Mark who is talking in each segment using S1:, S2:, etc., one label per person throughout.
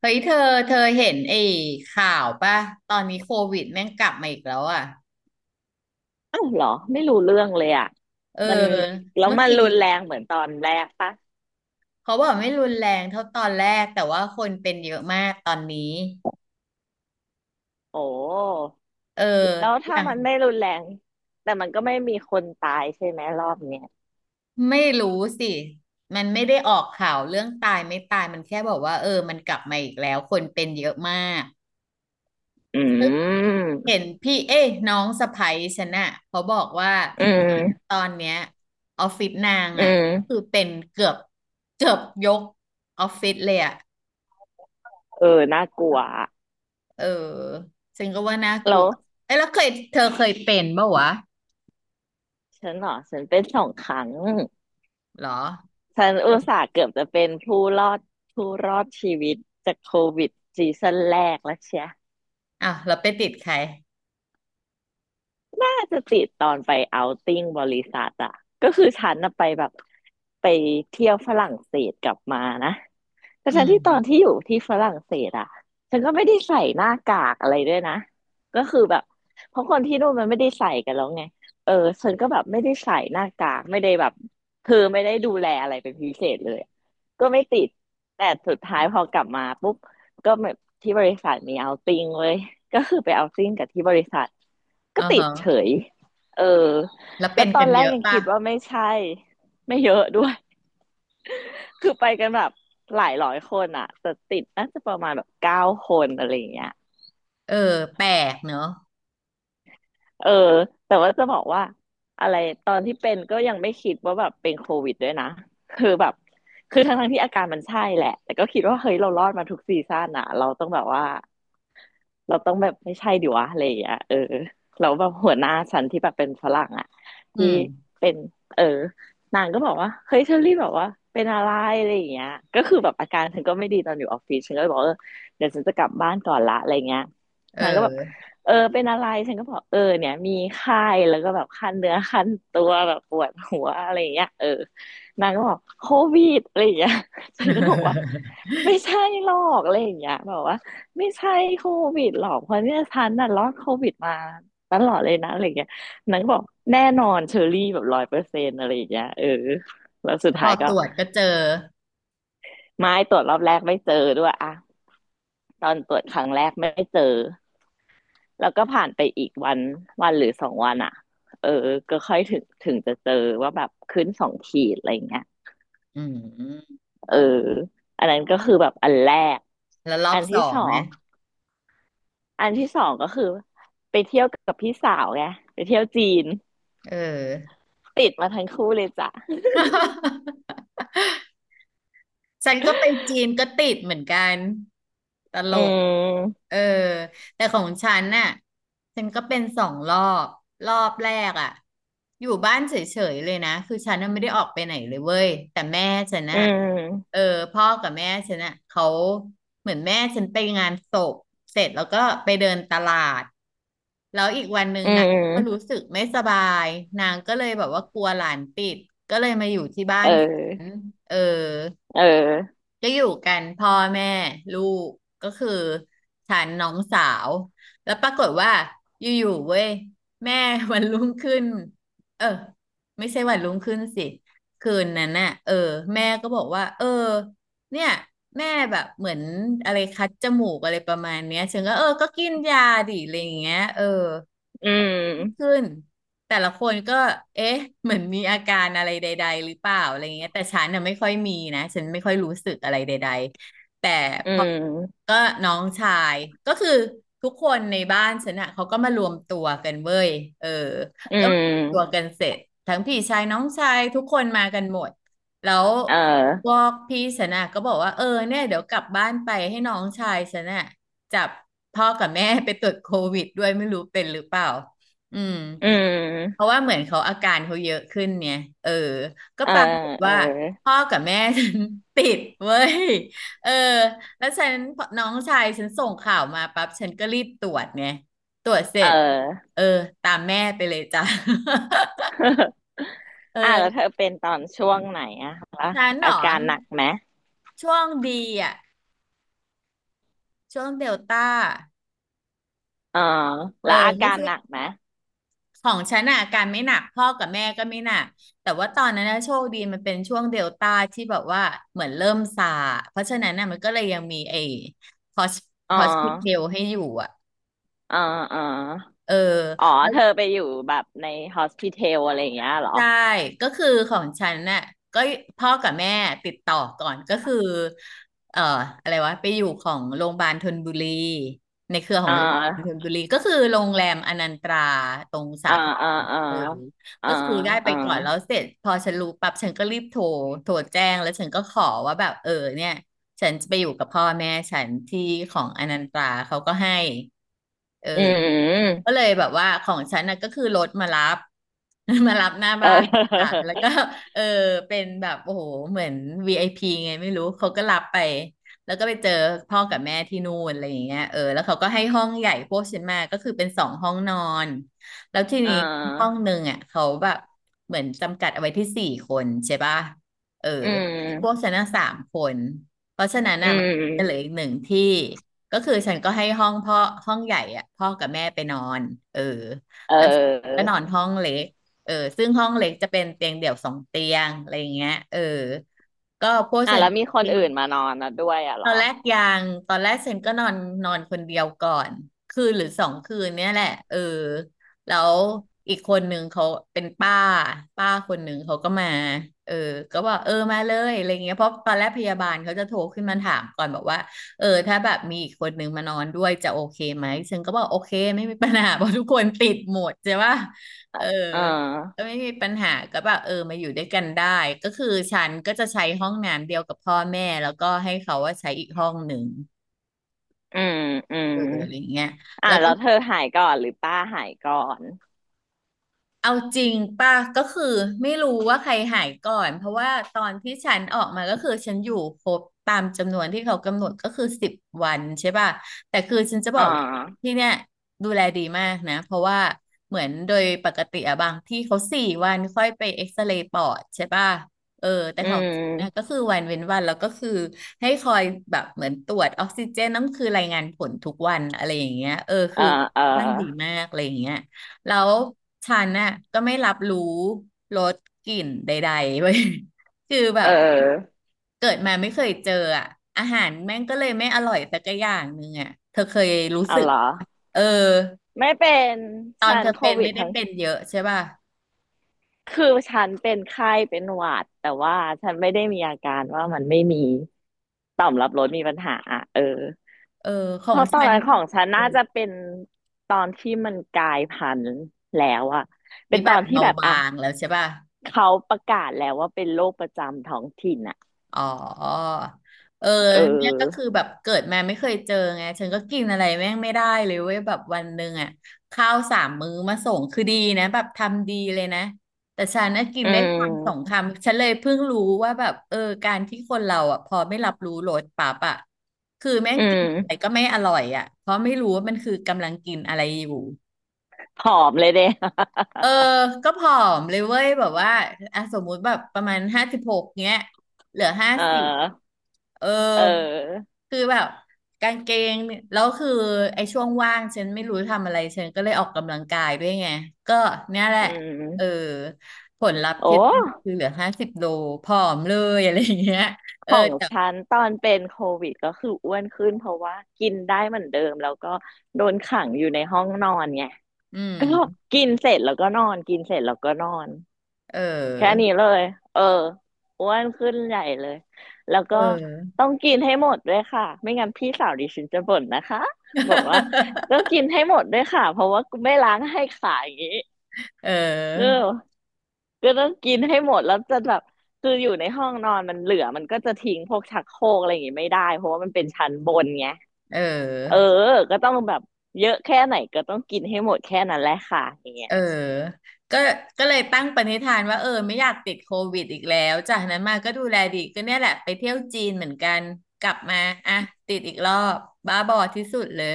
S1: เฮ้ยเธอเห็นไอ้ข่าวป่ะตอนนี้โควิดแม่งกลับมาอีกแล้วอ่ะ
S2: อ้าวเหรอไม่รู้เรื่องเลยอ่ะ
S1: เออ
S2: มันแล้ว
S1: เมื่อ
S2: มัน
S1: กี้
S2: รุนแรงเหมือนตอนแรกปะ
S1: เขาบอกไม่รุนแรงเท่าตอนแรกแต่ว่าคนเป็นเยอะมากตอนนี้
S2: โอ้
S1: เออ
S2: แล้ว
S1: อ
S2: ถ้า
S1: ย่าง
S2: มันไม่รุนแรงแต่มันก็ไม่มีคนตายใช่ไหมรอบเนี้ย
S1: ไม่รู้สิมันไม่ได้ออกข่าวเรื่องตายไม่ตายมันแค่บอกว่าเออมันกลับมาอีกแล้วคนเป็นเยอะมาก
S2: อืม
S1: เห็นพี่เอ้ยน้องสะใภ้ฉันน่ะเขาบอกว่า
S2: อืม
S1: ตอนเนี้ยออฟฟิศนาง
S2: อื
S1: อ่ะคือ
S2: ม
S1: เป็นเกือบยกออฟฟิศเลยอ่ะ
S2: เออน่ากลัวอะ
S1: เออฉันก็ว่าน่าก
S2: แล้
S1: ลัว
S2: ว
S1: เอ้ยแล้วเธอเคยเป็นปะวะ
S2: ฉันเหรอฉันเป็นสองครั้ง
S1: หรอ
S2: ฉันอุตส่าห์เกือบจะเป็นผู้รอดผู้รอดชีวิตจากโควิดซีซั่นแรกแล้วเชีย
S1: อ้าวแล้วไปติดใคร
S2: น่าจะติดตอนไปเอาท์ติ้งบริษัทอะก็คือฉันน่ะไปแบบไปเที่ยวฝรั่งเศสกลับมานะ แต่
S1: อื
S2: ทั้งที่ตอนที่
S1: ม
S2: อยู่ที่ฝรั่งเศสอ่ะฉันก็ไม่ได้ใส่หน้ากากอะไรด้วยนะก็คือแบบเพราะคนที่นู่นมันไม่ได้ใส่กันแล้วไงเออฉันก็แบบไม่ได้ใส่หน้ากากไม่ได้แบบคือไม่ได้ดูแลอะไรเป็นพิเศษเลยก็ไม่ติดแต่สุดท้ายพอกลับมาปุ๊บก็แบบที่บริษัทมีเอาติ้งเว้ยก็คือไปเอาติ้งกับที่บริษัทก็
S1: อ๋อ
S2: ติด
S1: ฮะ
S2: เฉยเออ
S1: แล้ว
S2: แล้
S1: เป็
S2: ว
S1: น
S2: ตอ
S1: กั
S2: น
S1: น
S2: แร
S1: เย
S2: ก
S1: อะ
S2: ยัง
S1: ป่ะ
S2: คิดว่าไม่ใช่ไม่เยอะด้วย คือไปกันแบบหลายร้อยคนอ่ะแต่ติดน่าจะประมาณแบบเก้าคนอะไรอย่างเงี้ย
S1: เออแปลกเนอะ
S2: เออแต่ว่าจะบอกว่าอะไรตอนที่เป็นก็ยังไม่คิดว่าแบบเป็นโควิดด้วยนะคือแบบคือทั้งที่อาการมันใช่แหละแต่ก็คิดว่าเฮ้ยเรารอดมาทุกซีซั่นอ่ะเราต้องแบบว่า เราต้องแบบไม่ใช่ดิวะอะไรอย่างเงี้ยเออแล้วแบบหัวหน้าฉันที่แบบเป็นฝรั่งอ่ะ
S1: อื
S2: ที่
S1: ม
S2: เป็นเออนางก็บอกว่าเฮ้ยเชอรี่แบบว่าเป็นอะไรอะไรอย่างเงี้ยก็คือแบบอาการฉันก็ไม่ดีตอนอยู่ออฟฟิศฉันก็เลยบอกว่าเออเดี๋ยวฉันจะกลับบ้านก่อนละอะไรเงี้ย
S1: เอ
S2: นางก็แบบ
S1: อ
S2: เออเป็นอะไรฉันก็บอกเออเนี่ยมีไข้แล้วก็แบบคันเนื้อคันตัวแบบปวดหัวอะไรอย่างเงี้ยเออนางก็บอกโควิดอะไรอย่างเงี้ยฉันก็บอกว่า ไม่ใช่หรอกอะไรอย่างเงี้ยแบบว่า ไม่ใช่โควิดหรอกเพราะเนี่ยฉันน่ะรอดโควิดมาตลอดเลยนะอะไรอย่างเงี้ยนางก็บอกแน่นอนเชอรี่แบบร้อยเปอร์เซ็นต์อะไรอย่างเงี้ยเออแล้วสุด
S1: พ
S2: ท้า
S1: อ
S2: ยก็
S1: ตรวจก็เจอ
S2: ไม่ตรวจรอบแรกไม่เจอด้วยอะตอนตรวจครั้งแรกไม่เจอแล้วก็ผ่านไปอีกวันวันหรือสองวันอะเออก็ค่อยถึงจะเจอว่าแบบขึ้นสองขีดอะไรอย่างเงี้ย
S1: อืม
S2: เอออันนั้นก็คือแบบอันแรก
S1: แล้วรอ
S2: อั
S1: บ
S2: น
S1: ส
S2: ที่
S1: อ
S2: ส
S1: ง
S2: อ
S1: ไง
S2: งอันที่สองก็คือไปเที่ยวกับพี่สาวไงไปเที่ยวจีน
S1: เออ
S2: ติดมาทั้งคู่เลยจ้ะ
S1: ฉันก็ไปจีนก็ติดเหมือนกันตล
S2: อื
S1: ก
S2: ม
S1: เออแต่ของฉันน่ะฉันก็เป็นสองรอบรอบแรกอ่ะอยู่บ้านเฉยๆเลยนะคือฉันน่ะไม่ได้ออกไปไหนเลยเว้ยแต่แม่ฉัน
S2: อื
S1: น่ะ
S2: ม
S1: เออพ่อกับแม่ฉันน่ะเขาเหมือนแม่ฉันไปงานศพเสร็จแล้วก็ไปเดินตลาดแล้วอีกวันหนึ่ง
S2: อื
S1: นางก็
S2: ม
S1: รู้สึกไม่สบายนางก็เลยแบบว่ากลัวหลานติดก็เลยมาอยู่ที่บ้า
S2: เอ
S1: นฉัน
S2: อ
S1: เออ
S2: เออ
S1: ก็อยู่กันพ่อแม่ลูกก็คือฉันน้องสาวแล้วปรากฏว่าอยู่ๆเว้ยแม่วันรุ่งขึ้นเออไม่ใช่วันรุ่งขึ้นสิคืนนั้นน่ะเออแม่ก็บอกว่าเออเนี่ยแม่แบบเหมือนอะไรคัดจมูกอะไรประมาณเนี้ยฉันก็เออก็กินยาดิอะไรอย่างเงี้ยเออ
S2: อืม
S1: ขึ้น แต่ละคนก็เอ๊ะเหมือนมีอาการอะไรใดๆหรือเปล่าอะไรเงี้ยแต่ฉันน่ะไม่ค่อยมีนะฉันไม่ค่อยรู้สึกอะไรใดๆแต่
S2: อื
S1: พอ
S2: ม
S1: ก็น้องชายก็คือทุกคนในบ้านฉันน่ะเขาก็มารวมตัวกันเว้ยเออ
S2: อื
S1: ก็มารวมตัวกั
S2: ม
S1: นเสร็จทั้งพี่ชายน้องชายทุกคนมากันหมดแล้ว
S2: เอ
S1: พ
S2: อ
S1: วกพี่ฉันน่ะก็บอกว่าเออเนี่ยเดี๋ยวกลับบ้านไปให้น้องชายฉันน่ะจับพ่อกับแม่ไปตรวจโควิดด้วยไม่รู้เป็นหรือเปล่าอืม
S2: อื
S1: เพ
S2: ม
S1: ราะว่าเหมือนเขาอาการเขาเยอะขึ้นเนี่ย เออ ก็
S2: เออ
S1: ปรากฏ
S2: เออ
S1: ว่าพ่อกับแม่ฉัน ติดเว้ย เออ แล้วฉันน้องชายฉันส่งข่าวมาปั๊บฉันก็รีบตรวจเนี่ย ตรวจเส
S2: เ
S1: ร็จ
S2: ออ
S1: เออตามแม่ไปเลยจ้ะ เออ
S2: อ่ะแล้วเธอเป็นตอนช่วงไหนอะคะ
S1: ฉันเหร
S2: อา
S1: อ
S2: การหนักไหม
S1: ช่วงดีอ่ะช่วงเดลต้า
S2: อ๋อ
S1: เอ
S2: แล้
S1: อ
S2: วอากา
S1: ไม่
S2: ร
S1: ใช่
S2: หนักไหม
S1: ของฉันอ่ะอาการไม่หนักพ่อกับแม่ก็ไม่หนักแต่ว่าตอนนั้นนะโชคดีมันเป็นช่วงเดลต้าที่แบบว่าเหมือนเริ่มซาเพราะฉะนั้นน่ะมันก็เลยยังมีไอ้ฮอส
S2: อ๋
S1: ฮอสพิทอ
S2: อ
S1: ลให้อยู่อ่ะ
S2: อ๋ออ๋อ
S1: เออ
S2: อ๋อเธอไปอยู่แบบในฮอสพิทอลอะไรอย่างเงี้ยเหรอ
S1: ใช่ก็คือของฉันน่ะก็พ่อกับแม่ติดต่อก่อนก็คือเอ่ออะไรวะไปอยู่ของโรงพยาบาลธนบุรีในเครือขอ
S2: อ๋อ
S1: งโรงพยาบาลธนบุรีก็คือโรงแรมอนันตราตรงสา
S2: อ๋อ
S1: ทร
S2: อ๋ออ๋อ
S1: เออ
S2: อ๋อ
S1: ก็คือได้ไป
S2: อ๋อ
S1: ก่อนแล้วเสร็จพอฉันรู้ปั๊บฉันก็รีบโทรโทรแจ้งแล้วฉันก็ขอว่าแบบเออเนี่ย ฉันจะไปอยู่กับพ่อแม่ฉันที่ของอนันตราเขาก็ให้เออ
S2: อื
S1: ก็
S2: ม
S1: เลยแบบว่าของฉันน่ะก็คือรถมารับ มารับหน้า
S2: เอ
S1: บ้านค่ะ
S2: อ
S1: แล้วก็เออเป็นแบบโอ้โหเหมือน VIP ไอพีไงไม่รู้เขาก็รับไปแล้วก็ไปเจอพ่อกับแม่ที่นู่นอะไรอย่างเงี้ยเออแล้วเขาก็ให้ห้องใหญ่พวกฉันมาก็คือเป็นสองห้องนอนแล้วที
S2: อ่
S1: นี้ห้อ
S2: า
S1: งหนึ่งอ่ะเขาแบบเหมือนจำกัดเอาไว้ที่สี่คนใช่ป่ะเออ
S2: อื
S1: พว
S2: ม
S1: กฉันน่ะสามคน เพราะฉะนั้น
S2: อื
S1: น่ะมันจะเหลือ
S2: ม
S1: อีกหนึ่งที่ก็คือฉันก็ให้ห้องพ่อห้องใหญ่อ่ะพ่อกับแม่ไปนอนเออ
S2: เ
S1: แล้วฉันก็
S2: ออ
S1: นอนห้องเล็กเออซึ่งห้องเล็กจะเป็นเตียงเดี่ยวสองเตียงอะไรอย่างเงี้ยเออก็พวก
S2: อ่ะ
S1: ฉั
S2: แล้
S1: น
S2: วมีคนอื่นมานอนนะด้วยอ่ะเห
S1: ต
S2: รอ
S1: อนแรกยังตอนแรกเซนก็นอนนอนคนเดียวก่อนคืนหรือสองคืนเนี่ยแหละเออแล้วอีกคนหนึ่งเขาเป็นป้าป้าคนหนึ่งเขาก็มาเออก็บอกเออมาเลยอะไรเงี้ยเพราะตอนแรกพยาบาลเขาจะโทรขึ้นมาถามก่อนบอกว่าเออถ้าแบบมีอีกคนหนึ่งมานอนด้วยจะโอเคไหมเซนก็บอกโอเคไม่มีปัญหา เพราะทุกคนติดหมดใช่ปะเออ
S2: เออ
S1: ไม่มีปัญหาก็แบบเออมาอยู่ด้วยกันได้ก็คือฉันก็จะใช้ห้องน้ำเดียวกับพ่อแม่แล้วก็ให้เขาว่าใช้อีกห้องหนึ่ง
S2: อืมอืม
S1: เอออะไรเงี้ย
S2: อ่ะ
S1: แล้ว
S2: แล้
S1: ก็
S2: วเธอหายก่อนหรือป้าหายก่อน
S1: เอาจริงป่ะก็คือไม่รู้ว่าใครหายก่อนเพราะว่าตอนที่ฉันออกมาก็คือฉันอยู่ครบตามจำนวนที่เขากำหนดก็คือ10 วันใช่ป่ะแต่คือฉันจะบ
S2: อ่า
S1: อกที่เนี่ยดูแลดีมากนะเพราะว่าเหมือนโดยปกติอะบางที่เขา4 วันค่อยไปเอ็กซเรย์ปอดใช่ป่ะเออแต่
S2: อื
S1: ของนนะก็
S2: ม
S1: คือวันเว้นวันแล้วก็คือให้คอยแบบเหมือนตรวจออกซิเจนต้องคือรายงานผลทุกวันอะไรอย่างเงี้ยเออ
S2: เอ
S1: คื
S2: อ
S1: อ
S2: เออ
S1: ค่อนข้างดีมากอะไรอย่างเงี้ย แล้วฉันน่ะก็ไม่รับรู้รสกลิ่นใดๆเว้ย คือแบ
S2: เ
S1: บ
S2: ออ
S1: เกิดมาไม่เคยเจออ่ะอาหารแม่งก็เลยไม่อร่อยสักอย่างหนึ่งอ่ะเธอเคยรู้
S2: เอา
S1: สึก
S2: เหรอ
S1: เออ
S2: ไม่เป็น
S1: ตอ
S2: ฉั
S1: น
S2: น
S1: เธอ
S2: โค
S1: เป็น
S2: วิด
S1: ไม่ได้
S2: ทั้ง
S1: เป็นเยอะใช่ป่ะ
S2: คือฉันเป็นไข้เป็นหวัดแต่ว่าฉันไม่ได้มีอาการว่ามันไม่มีต่อมรับรสมีปัญหาเออ
S1: เออข
S2: เพ
S1: อง
S2: ราะตอน
S1: ฉัน
S2: นั้นของฉัน
S1: เออ
S2: น่าจะเป็นตอนที่มันกลายพันธุ์แล้วอะเป็น
S1: นี่
S2: ต
S1: แบ
S2: อ
S1: บ
S2: นที่
S1: เบา
S2: แบบ
S1: บา
S2: อ่ะ
S1: งแล้วใช่ป่ะ
S2: เขาประกาศแล้วว่าเป็นโรคประจำท้องถิ่นอะ
S1: อ๋อเออ
S2: เ
S1: เนี่ยก็คือ
S2: ออ
S1: แบบเกิดมาไม่เคยเจอไงฉันก็กินอะไรแม่งไม่ได้เลยเว้ยแบบวันหนึ่งอ่ะข้าวสามมื้อมาส่งคือดีนะแบบทำดีเลยนะแต่ฉันน่ะกิน
S2: อื
S1: ได้คำสอง
S2: ม
S1: คำฉันเลยเพิ่งรู้ว่าแบบเออการที่คนเราอ่ะพอไม่รับรู้รสปั๊บอ่ะคือแม่
S2: อื
S1: งกินอะไร
S2: ม
S1: ก็ไม่อร่อยอ่ะเพราะไม่รู้ว่ามันคือกำลังกินอะไรอยู่
S2: ผอมเลยเด้
S1: เออ ก็ผอมเลยเว้ยแบบว่าอ่ะสมมุติแบบประมาณ56เนี้ยเหลือห้า
S2: เอ
S1: สิบ
S2: อ
S1: เออ
S2: เออ
S1: คือแบบกางเกงเนี่ยแล้วคือไอ้ช่วงว่างฉันไม่รู้ทำอะไรฉันก็เลยออกกำลังกายด้วยไง ก็เนี่ยแหละ
S2: อื
S1: เออ
S2: ม
S1: ผลลัพธ์
S2: โอ้
S1: ที่คือเหลือ50 โลผอมเลยอะไรอย่างเงี้ย
S2: ข
S1: เออ
S2: อง
S1: แต่
S2: ฉันตอนเป็นโควิดก็คืออ้วนขึ้นเพราะว่ากินได้เหมือนเดิมแล้วก็โดนขังอยู่ในห้องนอนไง
S1: อื
S2: ก็
S1: ม
S2: กินเสร็จแล้วก็นอนกินเสร็จแล้วก็นอน
S1: เ
S2: แค่
S1: ออ
S2: นี้เลยเอออ้วนขึ้นใหญ่เลย แล้ว
S1: เอ
S2: ก็ต้
S1: อ
S2: องกินให้หมดด้วยค่ะ ไม่งั้นพี่สาวดิฉันจะบ่นนะคะบอกว่า ต้องกินให้หมดด้วยค่ะเพราะว่ากูไม่ล้างให้ขาอย่างนี้
S1: เ
S2: ก็
S1: ออ
S2: ก็ต้องกินให้หมดแล้วจะแบบคืออยู่ในห้องนอนมันเหลือมันก็จะทิ้งพวกชักโครกอะไรอย่างงี้ไม่ได้เพราะว่ามันเป็นชั้นบนไง
S1: เอ
S2: เออ
S1: อ
S2: ก็ต้องแบบเยอะแค่ไหนก็ต้องกินให้หมดแค่นั้นแหละค่ะอย่างเงี้ย
S1: เออก็ก็เลยตั้งปณิธานว่าเออไม่อยากติดโควิดอีกแล้วจากนั้นมาก็ดูแลดีก็เนี่ยแหละไปเที่ยวจีนเหมือนกันกลับมาอ่ะติดอีกรอบบ้าบอที่สุดเลย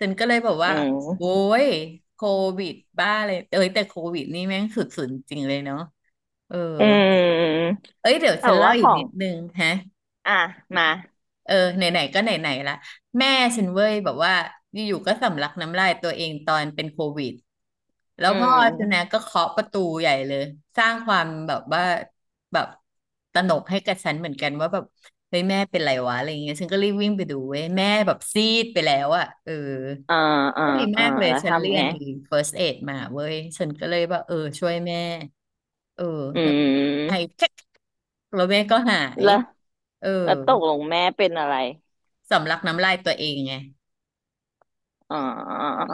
S1: ฉันก็เลยบอก
S2: อื
S1: ว่าโว้
S2: ม
S1: ยโควิดบ้าเลยเอ้ยแต่โควิดนี่แม่งสุดๆจริงเลยเนาะเออ
S2: อืม
S1: เอ้ยเดี๋ยวฉั
S2: แต่
S1: นเล่า
S2: ว่าข
S1: อีก
S2: อง
S1: นิดนึงฮะ
S2: อ่ะมา
S1: เออไหนๆก็ไหนๆละแม่ฉันเว้ยแบบว่าอยู่ๆก็สำลักน้ำลายตัวเองตอนเป็นโควิด แล้ว
S2: อื
S1: พ่อสแน็
S2: ม
S1: คก็เคาะประตูใหญ่เลยสร้างความแบบว่าแบบตระหนกให้กับฉันเหมือนกันว่าแบบเฮ้ยแม่เป็นไรวะอะไรเงี้ยฉันก็รีบวิ่งไปดูเว้ยแม่แบบซีดไปแล้วอะเออ
S2: อ่าอ่า
S1: ก็ดี
S2: อ่า
S1: มากเลย
S2: แล้ว
S1: ฉันเรี
S2: ทำ
S1: ย
S2: ไง
S1: นไอ้ first aid มาเว้ยฉันก็เลยว่าเออช่วยแม่เออ
S2: อื
S1: แล้วไอ้
S2: ม
S1: แค่แล้วแม่ก็หาย
S2: แล้ว
S1: เออ
S2: แล้วตกลงแม่เป็นอะไร
S1: สำลักน้ำลายตัวเองไง
S2: อ่า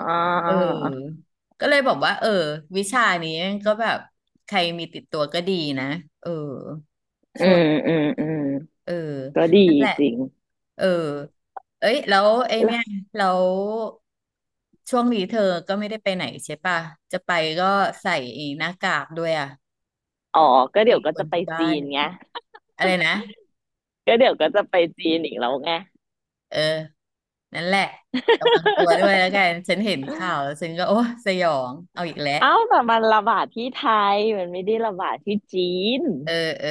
S1: เออก็เลยบอกว่าเออวิชานี้ก็แบบใครมีติดตัวก็ดีนะเออ
S2: อื
S1: ช่ว
S2: ม
S1: ย
S2: อืมอืม
S1: เออ
S2: ก็ดี
S1: นั่นแหละ
S2: จริง
S1: เออเอ้ยแล้วไอเนี่ย
S2: ล่ะ
S1: แล้วช่วงนี้เธอก็ไม่ได้ไปไหนใช่ป่ะจะไปก็ใส่ไอ้หน้ากากด้วยอ่ะ
S2: อ๋อ
S1: ไป
S2: ก็เดี๋
S1: ติ
S2: ยว
S1: ด
S2: ก็
S1: ค
S2: จะ
S1: น
S2: ไป
S1: ที่
S2: จี
S1: บ้าน
S2: นไง
S1: อะไรนะ
S2: ก็เดี๋ยวก็จะไปจีนอีกแล้วไง
S1: เออนั่นแหละระวังตัวด้วยแล้วกั นฉันเห็นข่าวแล้วฉันก็โอ้สยองเอาอีกแล้ว
S2: เอ้าแต่มันระบาดที่ไทยมันไม่ได้ระบาดที่จีน
S1: เออเออ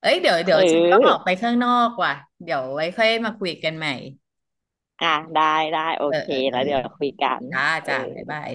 S1: เอ้ยเดี๋ยว
S2: เ
S1: เดี๋ยวฉันต้องออกไป
S2: ออ
S1: ข้างนอกว่ะเดี๋ยวไว้ค่อยมาคุยกันใหม่
S2: อ่ะได้ได้โอ
S1: เออ
S2: เค
S1: เออเอ
S2: แล้
S1: อ
S2: วเดี๋ยวคุยกัน
S1: จ้า
S2: เอ
S1: จ้าบ๊าย
S2: อ
S1: บาย